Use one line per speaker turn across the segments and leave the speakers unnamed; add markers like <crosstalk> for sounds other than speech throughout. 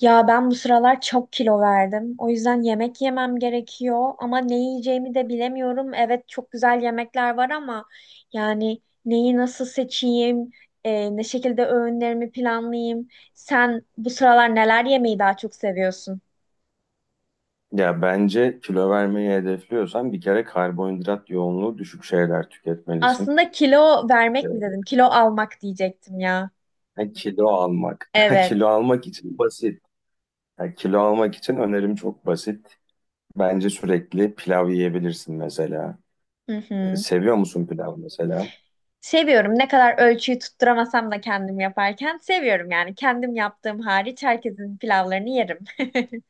Ya ben bu sıralar çok kilo verdim. O yüzden yemek yemem gerekiyor ama ne yiyeceğimi de bilemiyorum. Evet, çok güzel yemekler var ama yani neyi nasıl seçeyim, ne şekilde öğünlerimi planlayayım. Sen bu sıralar neler yemeyi daha çok seviyorsun?
Ya bence kilo vermeyi hedefliyorsan bir kere karbonhidrat yoğunluğu düşük şeyler tüketmelisin.
Aslında kilo vermek mi dedim? Kilo almak diyecektim ya.
Ha, kilo almak. <laughs>
Evet.
Kilo almak için basit. Ha, kilo almak için önerim çok basit. Bence sürekli pilav yiyebilirsin mesela.
Hı hı.
Seviyor musun pilav mesela?
Seviyorum. Ne kadar ölçüyü tutturamasam da kendim yaparken seviyorum yani. Kendim yaptığım hariç herkesin pilavlarını yerim. <laughs>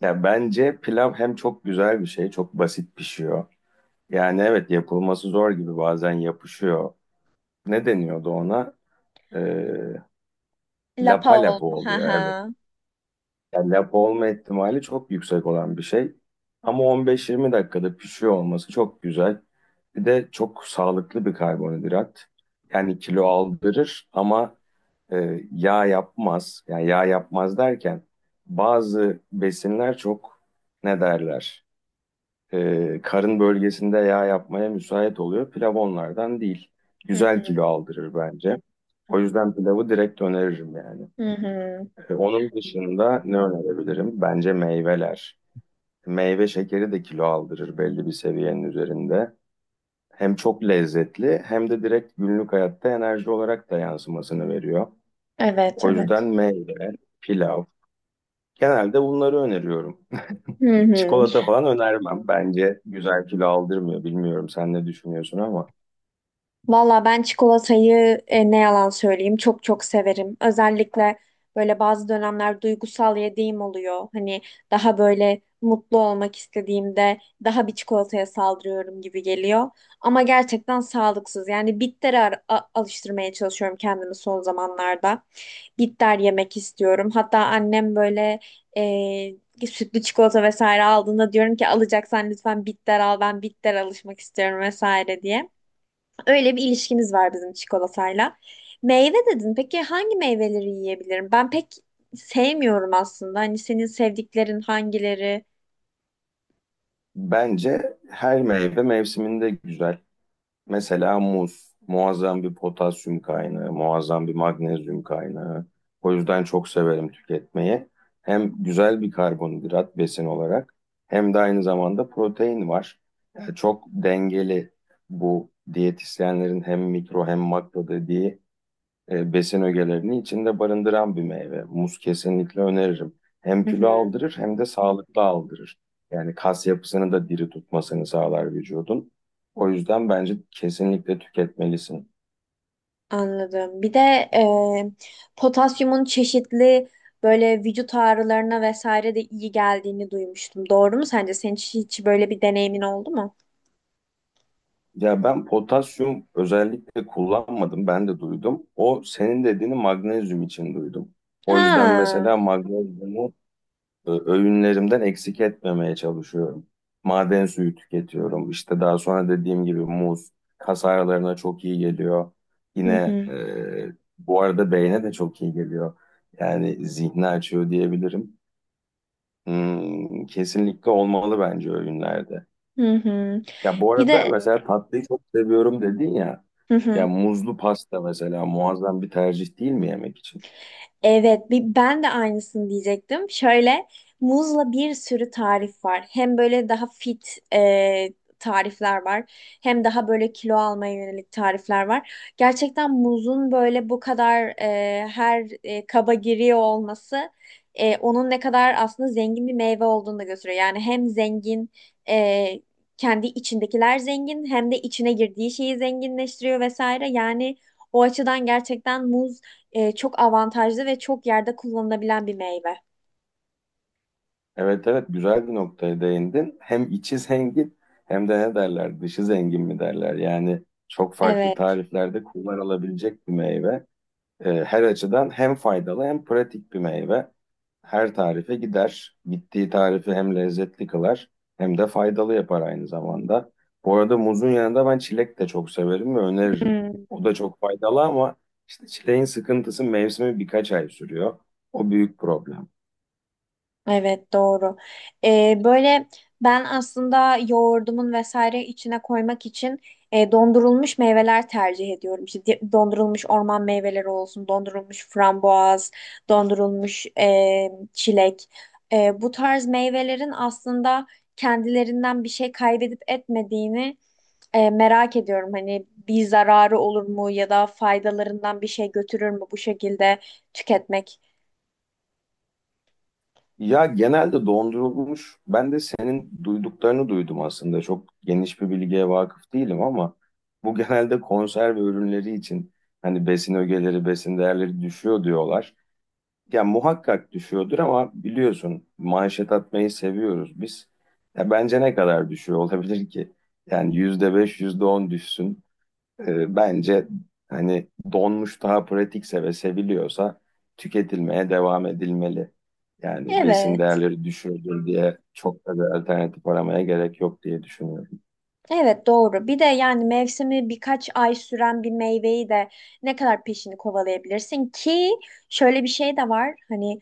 Ya bence pilav hem çok güzel bir şey, çok basit pişiyor. Yani evet yapılması zor gibi bazen yapışıyor. Ne deniyordu ona? E,
Lapa
Lapa lapa
olma. Ha
oluyor. Evet.
ha.
Yani lapa olma ihtimali çok yüksek olan bir şey. Ama 15-20 dakikada pişiyor olması çok güzel. Bir de çok sağlıklı bir karbonhidrat. Yani kilo aldırır ama yağ yapmaz. Yani yağ yapmaz derken bazı besinler çok ne derler? Karın bölgesinde yağ yapmaya müsait oluyor. Pilav onlardan değil.
Hı
Güzel
hı.
kilo aldırır bence. O yüzden pilavı direkt öneririm yani.
Hı hı.
Onun dışında ne önerebilirim? Bence meyveler. Meyve şekeri de kilo aldırır belli bir seviyenin üzerinde. Hem çok lezzetli hem de direkt günlük hayatta enerji olarak da yansımasını veriyor.
Evet,
O yüzden
evet.
meyve, pilav. Genelde bunları öneriyorum.
Hı
<laughs>
hı.
Çikolata falan önermem. Bence güzel kilo aldırmıyor. Bilmiyorum sen ne düşünüyorsun ama.
Valla ben çikolatayı ne yalan söyleyeyim, çok çok severim. Özellikle böyle bazı dönemler duygusal yediğim oluyor. Hani daha böyle mutlu olmak istediğimde daha bir çikolataya saldırıyorum gibi geliyor. Ama gerçekten sağlıksız. Yani bittere alıştırmaya çalışıyorum kendimi son zamanlarda. Bitter yemek istiyorum. Hatta annem böyle sütlü çikolata vesaire aldığında diyorum ki alacaksan lütfen bitter al, ben bitter alışmak istiyorum vesaire diye. Öyle bir ilişkimiz var bizim çikolatayla. Meyve dedin. Peki hangi meyveleri yiyebilirim? Ben pek sevmiyorum aslında. Hani senin sevdiklerin hangileri?
Bence her meyve mevsiminde güzel. Mesela muz muazzam bir potasyum kaynağı, muazzam bir magnezyum kaynağı. O yüzden çok severim tüketmeyi. Hem güzel bir karbonhidrat besin olarak hem de aynı zamanda protein var. Yani çok dengeli bu diyetisyenlerin hem mikro hem makro dediği besin ögelerini içinde barındıran bir meyve. Muz kesinlikle öneririm. Hem
Hı
kilo
hı,
aldırır hem de sağlıklı aldırır. Yani kas yapısını da diri tutmasını sağlar vücudun. O yüzden bence kesinlikle tüketmelisin.
anladım. Bir de potasyumun çeşitli böyle vücut ağrılarına vesaire de iyi geldiğini duymuştum. Doğru mu sence? Senin hiç böyle bir deneyimin oldu mu?
Ya ben potasyum özellikle kullanmadım, ben de duydum. O senin dediğini magnezyum için duydum. O yüzden
Ha.
mesela magnezyumu öğünlerimden eksik etmemeye çalışıyorum. Maden suyu tüketiyorum. İşte daha sonra dediğim gibi muz kas ağrılarına çok iyi geliyor.
Hı
Yine
hı.
bu arada beyne de çok iyi geliyor. Yani zihni açıyor diyebilirim. Hmm, kesinlikle olmalı bence öğünlerde.
Hı hı.
Ya bu
Bir
arada
de
mesela tatlıyı çok seviyorum dedin ya.
hı
Ya
hı.
muzlu pasta mesela muazzam bir tercih değil mi yemek için?
Evet, ben de aynısını diyecektim. Şöyle muzla bir sürü tarif var. Hem böyle daha fit e, tarifler var. Hem daha böyle kilo almaya yönelik tarifler var. Gerçekten muzun böyle bu kadar her kaba giriyor olması onun ne kadar aslında zengin bir meyve olduğunu da gösteriyor. Yani hem zengin e, kendi içindekiler zengin, hem de içine girdiği şeyi zenginleştiriyor vesaire. Yani o açıdan gerçekten muz çok avantajlı ve çok yerde kullanılabilen bir meyve.
Evet evet, güzel bir noktaya değindin. Hem içi zengin hem de ne derler dışı zengin mi derler. Yani çok farklı
Evet.
tariflerde kullanılabilecek bir meyve. Her açıdan hem faydalı hem pratik bir meyve. Her tarife gider. Gittiği tarifi hem lezzetli kılar hem de faydalı yapar aynı zamanda. Bu arada muzun yanında ben çilek de çok severim ve öneririm.
Hmm.
O da çok faydalı ama işte çileğin sıkıntısı mevsimi birkaç ay sürüyor. O büyük problem.
Evet, doğru. Böyle ben aslında yoğurdumun vesaire içine koymak için dondurulmuş meyveler tercih ediyorum. İşte dondurulmuş orman meyveleri olsun, dondurulmuş frambuaz, dondurulmuş çilek. Bu tarz meyvelerin aslında kendilerinden bir şey kaybedip etmediğini merak ediyorum. Hani bir zararı olur mu, ya da faydalarından bir şey götürür mü bu şekilde tüketmek?
Ya genelde dondurulmuş. Ben de senin duyduklarını duydum aslında. Çok geniş bir bilgiye vakıf değilim ama bu genelde konserve ürünleri için hani besin ögeleri, besin değerleri düşüyor diyorlar. Ya muhakkak düşüyordur ama biliyorsun manşet atmayı seviyoruz biz. Ya bence ne kadar düşüyor olabilir ki? Yani %5, yüzde on düşsün. Bence hani donmuş daha pratikse ve seviliyorsa tüketilmeye devam edilmeli. Yani besin
Evet.
değerleri düşürdür diye çok da bir alternatif aramaya gerek yok diye düşünüyorum.
Evet, doğru. Bir de yani mevsimi birkaç ay süren bir meyveyi de ne kadar peşini kovalayabilirsin ki şöyle bir şey de var. Hani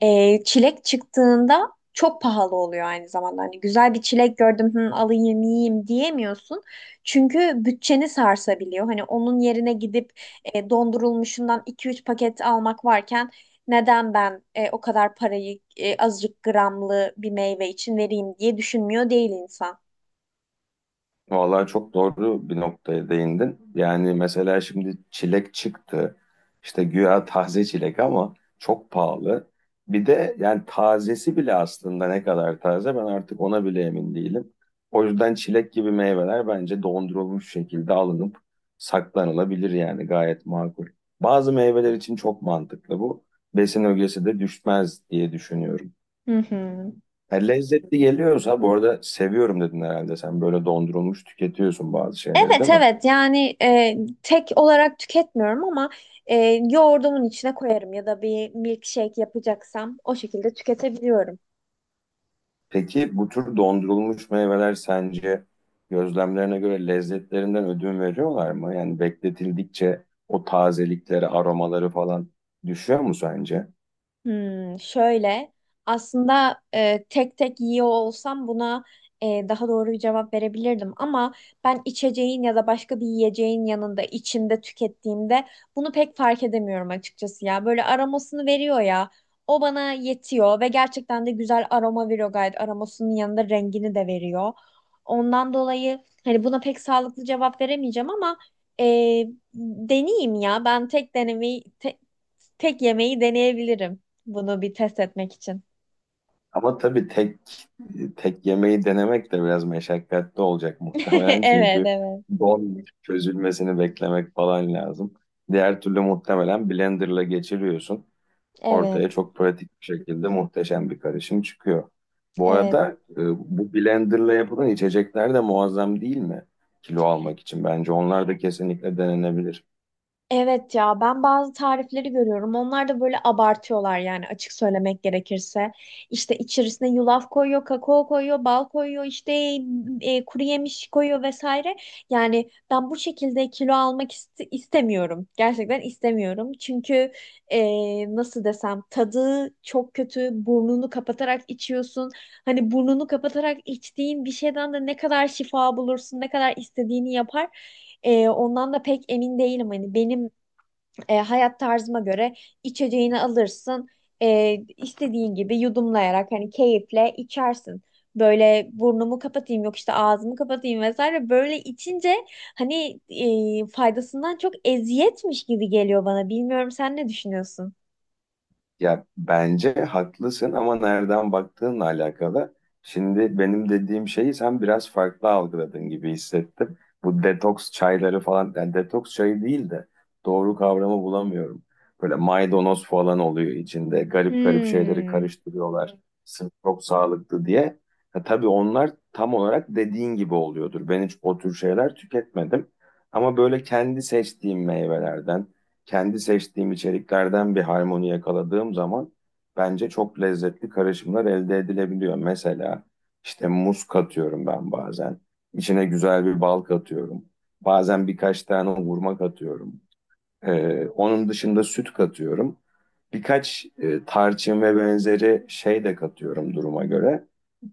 çilek çıktığında çok pahalı oluyor aynı zamanda. Hani güzel bir çilek gördüm, hı, alayım yiyeyim diyemiyorsun. Çünkü bütçeni sarsabiliyor. Hani onun yerine gidip dondurulmuşundan iki üç paket almak varken neden ben o kadar parayı azıcık gramlı bir meyve için vereyim diye düşünmüyor değil insan.
Vallahi çok doğru bir noktaya değindin. Yani mesela şimdi çilek çıktı. İşte güya taze çilek ama çok pahalı. Bir de yani tazesi bile aslında ne kadar taze ben artık ona bile emin değilim. O yüzden çilek gibi meyveler bence dondurulmuş şekilde alınıp saklanılabilir yani gayet makul. Bazı meyveler için çok mantıklı bu. Besin ögesi de düşmez diye düşünüyorum.
Hı hı.
Ha, lezzetli geliyorsa bu arada seviyorum dedin herhalde. Sen böyle dondurulmuş tüketiyorsun bazı şeyleri
Evet,
değil mi?
evet, yani tek olarak tüketmiyorum ama e, yoğurdumun içine koyarım ya da bir milkshake yapacaksam o şekilde tüketebiliyorum.
Peki bu tür dondurulmuş meyveler sence gözlemlerine göre lezzetlerinden ödün veriyorlar mı? Yani bekletildikçe o tazelikleri, aromaları falan düşüyor mu sence?
Hmm, şöyle aslında tek tek yiyor olsam buna daha doğru bir cevap verebilirdim ama ben içeceğin ya da başka bir yiyeceğin yanında içinde tükettiğimde bunu pek fark edemiyorum açıkçası. Ya böyle aromasını veriyor, ya o bana yetiyor ve gerçekten de güzel aroma veriyor gayet, aromasının yanında rengini de veriyor, ondan dolayı hani buna pek sağlıklı cevap veremeyeceğim ama e, deneyeyim ya, ben tek denemeyi tek yemeği deneyebilirim. Bunu bir test etmek için.
Ama tabii tek yemeği denemek de biraz meşakkatli olacak
<laughs>
muhtemelen. <laughs>
Evet,
Çünkü
evet.
don çözülmesini beklemek falan lazım. Diğer türlü muhtemelen blenderla geçiriyorsun. Ortaya
Evet,
çok pratik bir şekilde muhteşem bir karışım çıkıyor. Bu
evet.
arada bu blenderla yapılan içecekler de muazzam değil mi? Kilo almak için. Bence onlar da kesinlikle denenebilir.
Evet, ya ben bazı tarifleri görüyorum. Onlar da böyle abartıyorlar yani, açık söylemek gerekirse. İşte içerisine yulaf koyuyor, kakao koyuyor, bal koyuyor, işte kuru yemiş koyuyor vesaire. Yani ben bu şekilde kilo almak istemiyorum. Gerçekten istemiyorum. Çünkü nasıl desem, tadı çok kötü. Burnunu kapatarak içiyorsun. Hani burnunu kapatarak içtiğin bir şeyden de ne kadar şifa bulursun, ne kadar istediğini yapar. Ondan da pek emin değilim. Hani benim hayat tarzıma göre içeceğini alırsın. İstediğin gibi yudumlayarak hani keyifle içersin. Böyle burnumu kapatayım, yok işte ağzımı kapatayım vesaire. Böyle içince hani faydasından çok eziyetmiş gibi geliyor bana. Bilmiyorum, sen ne düşünüyorsun?
Ya bence haklısın ama nereden baktığınla alakalı. Şimdi benim dediğim şeyi sen biraz farklı algıladın gibi hissettim. Bu detoks çayları falan, yani detoks çayı değil de doğru kavramı bulamıyorum. Böyle maydanoz falan oluyor içinde. Garip garip şeyleri
Hmm.
karıştırıyorlar. Sırf çok sağlıklı diye. Ha, tabii onlar tam olarak dediğin gibi oluyordur. Ben hiç o tür şeyler tüketmedim. Ama böyle kendi seçtiğim meyvelerden kendi seçtiğim içeriklerden bir harmoni yakaladığım zaman bence çok lezzetli karışımlar elde edilebiliyor. Mesela işte muz katıyorum ben bazen. İçine güzel bir bal katıyorum. Bazen birkaç tane hurma katıyorum. Onun dışında süt katıyorum. Birkaç tarçın ve benzeri şey de katıyorum duruma göre.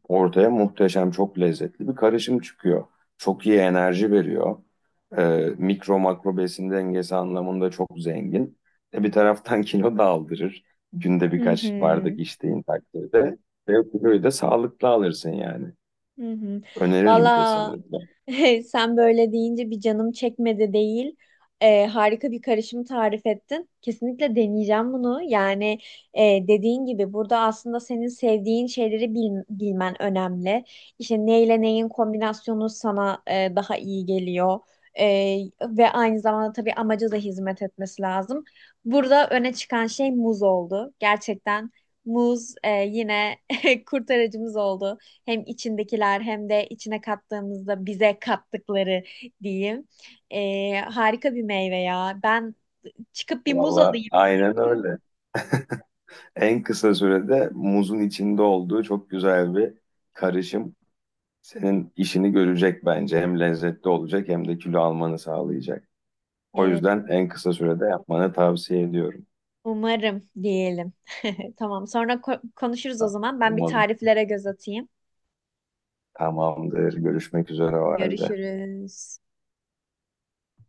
Ortaya muhteşem, çok lezzetli bir karışım çıkıyor. Çok iyi enerji veriyor. Mikro makro besin dengesi anlamında çok zengin. Bir taraftan <laughs> kilo da aldırır. Günde
Hı hı.
birkaç bardak içtiğin takdirde. Ve o kiloyu da sağlıklı alırsın yani.
Hı hı.
Öneririm
Valla,
kesinlikle.
<laughs> sen böyle deyince bir canım çekmedi değil. Harika bir karışım tarif ettin. Kesinlikle deneyeceğim bunu. Yani dediğin gibi burada aslında senin sevdiğin şeyleri bilmen önemli. İşte neyle neyin kombinasyonu sana daha iyi geliyor. E, ve aynı zamanda tabii amaca da hizmet etmesi lazım. Burada öne çıkan şey muz oldu. Gerçekten muz yine <laughs> kurtarıcımız oldu. Hem içindekiler, hem de içine kattığımızda bize kattıkları diyeyim. Harika bir meyve ya. Ben çıkıp bir muz
Valla
alayım en
aynen
iyisi.
öyle. En kısa sürede muzun içinde olduğu çok güzel bir karışım. Senin işini görecek bence. Hem lezzetli olacak hem de kilo almanı sağlayacak. O
Evet,
yüzden en kısa sürede yapmanı tavsiye ediyorum.
umarım diyelim. <laughs> Tamam, sonra konuşuruz o zaman. Ben bir
Umarım
tariflere göz atayım.
tamamdır. Görüşmek üzere o halde.
Görüşürüz.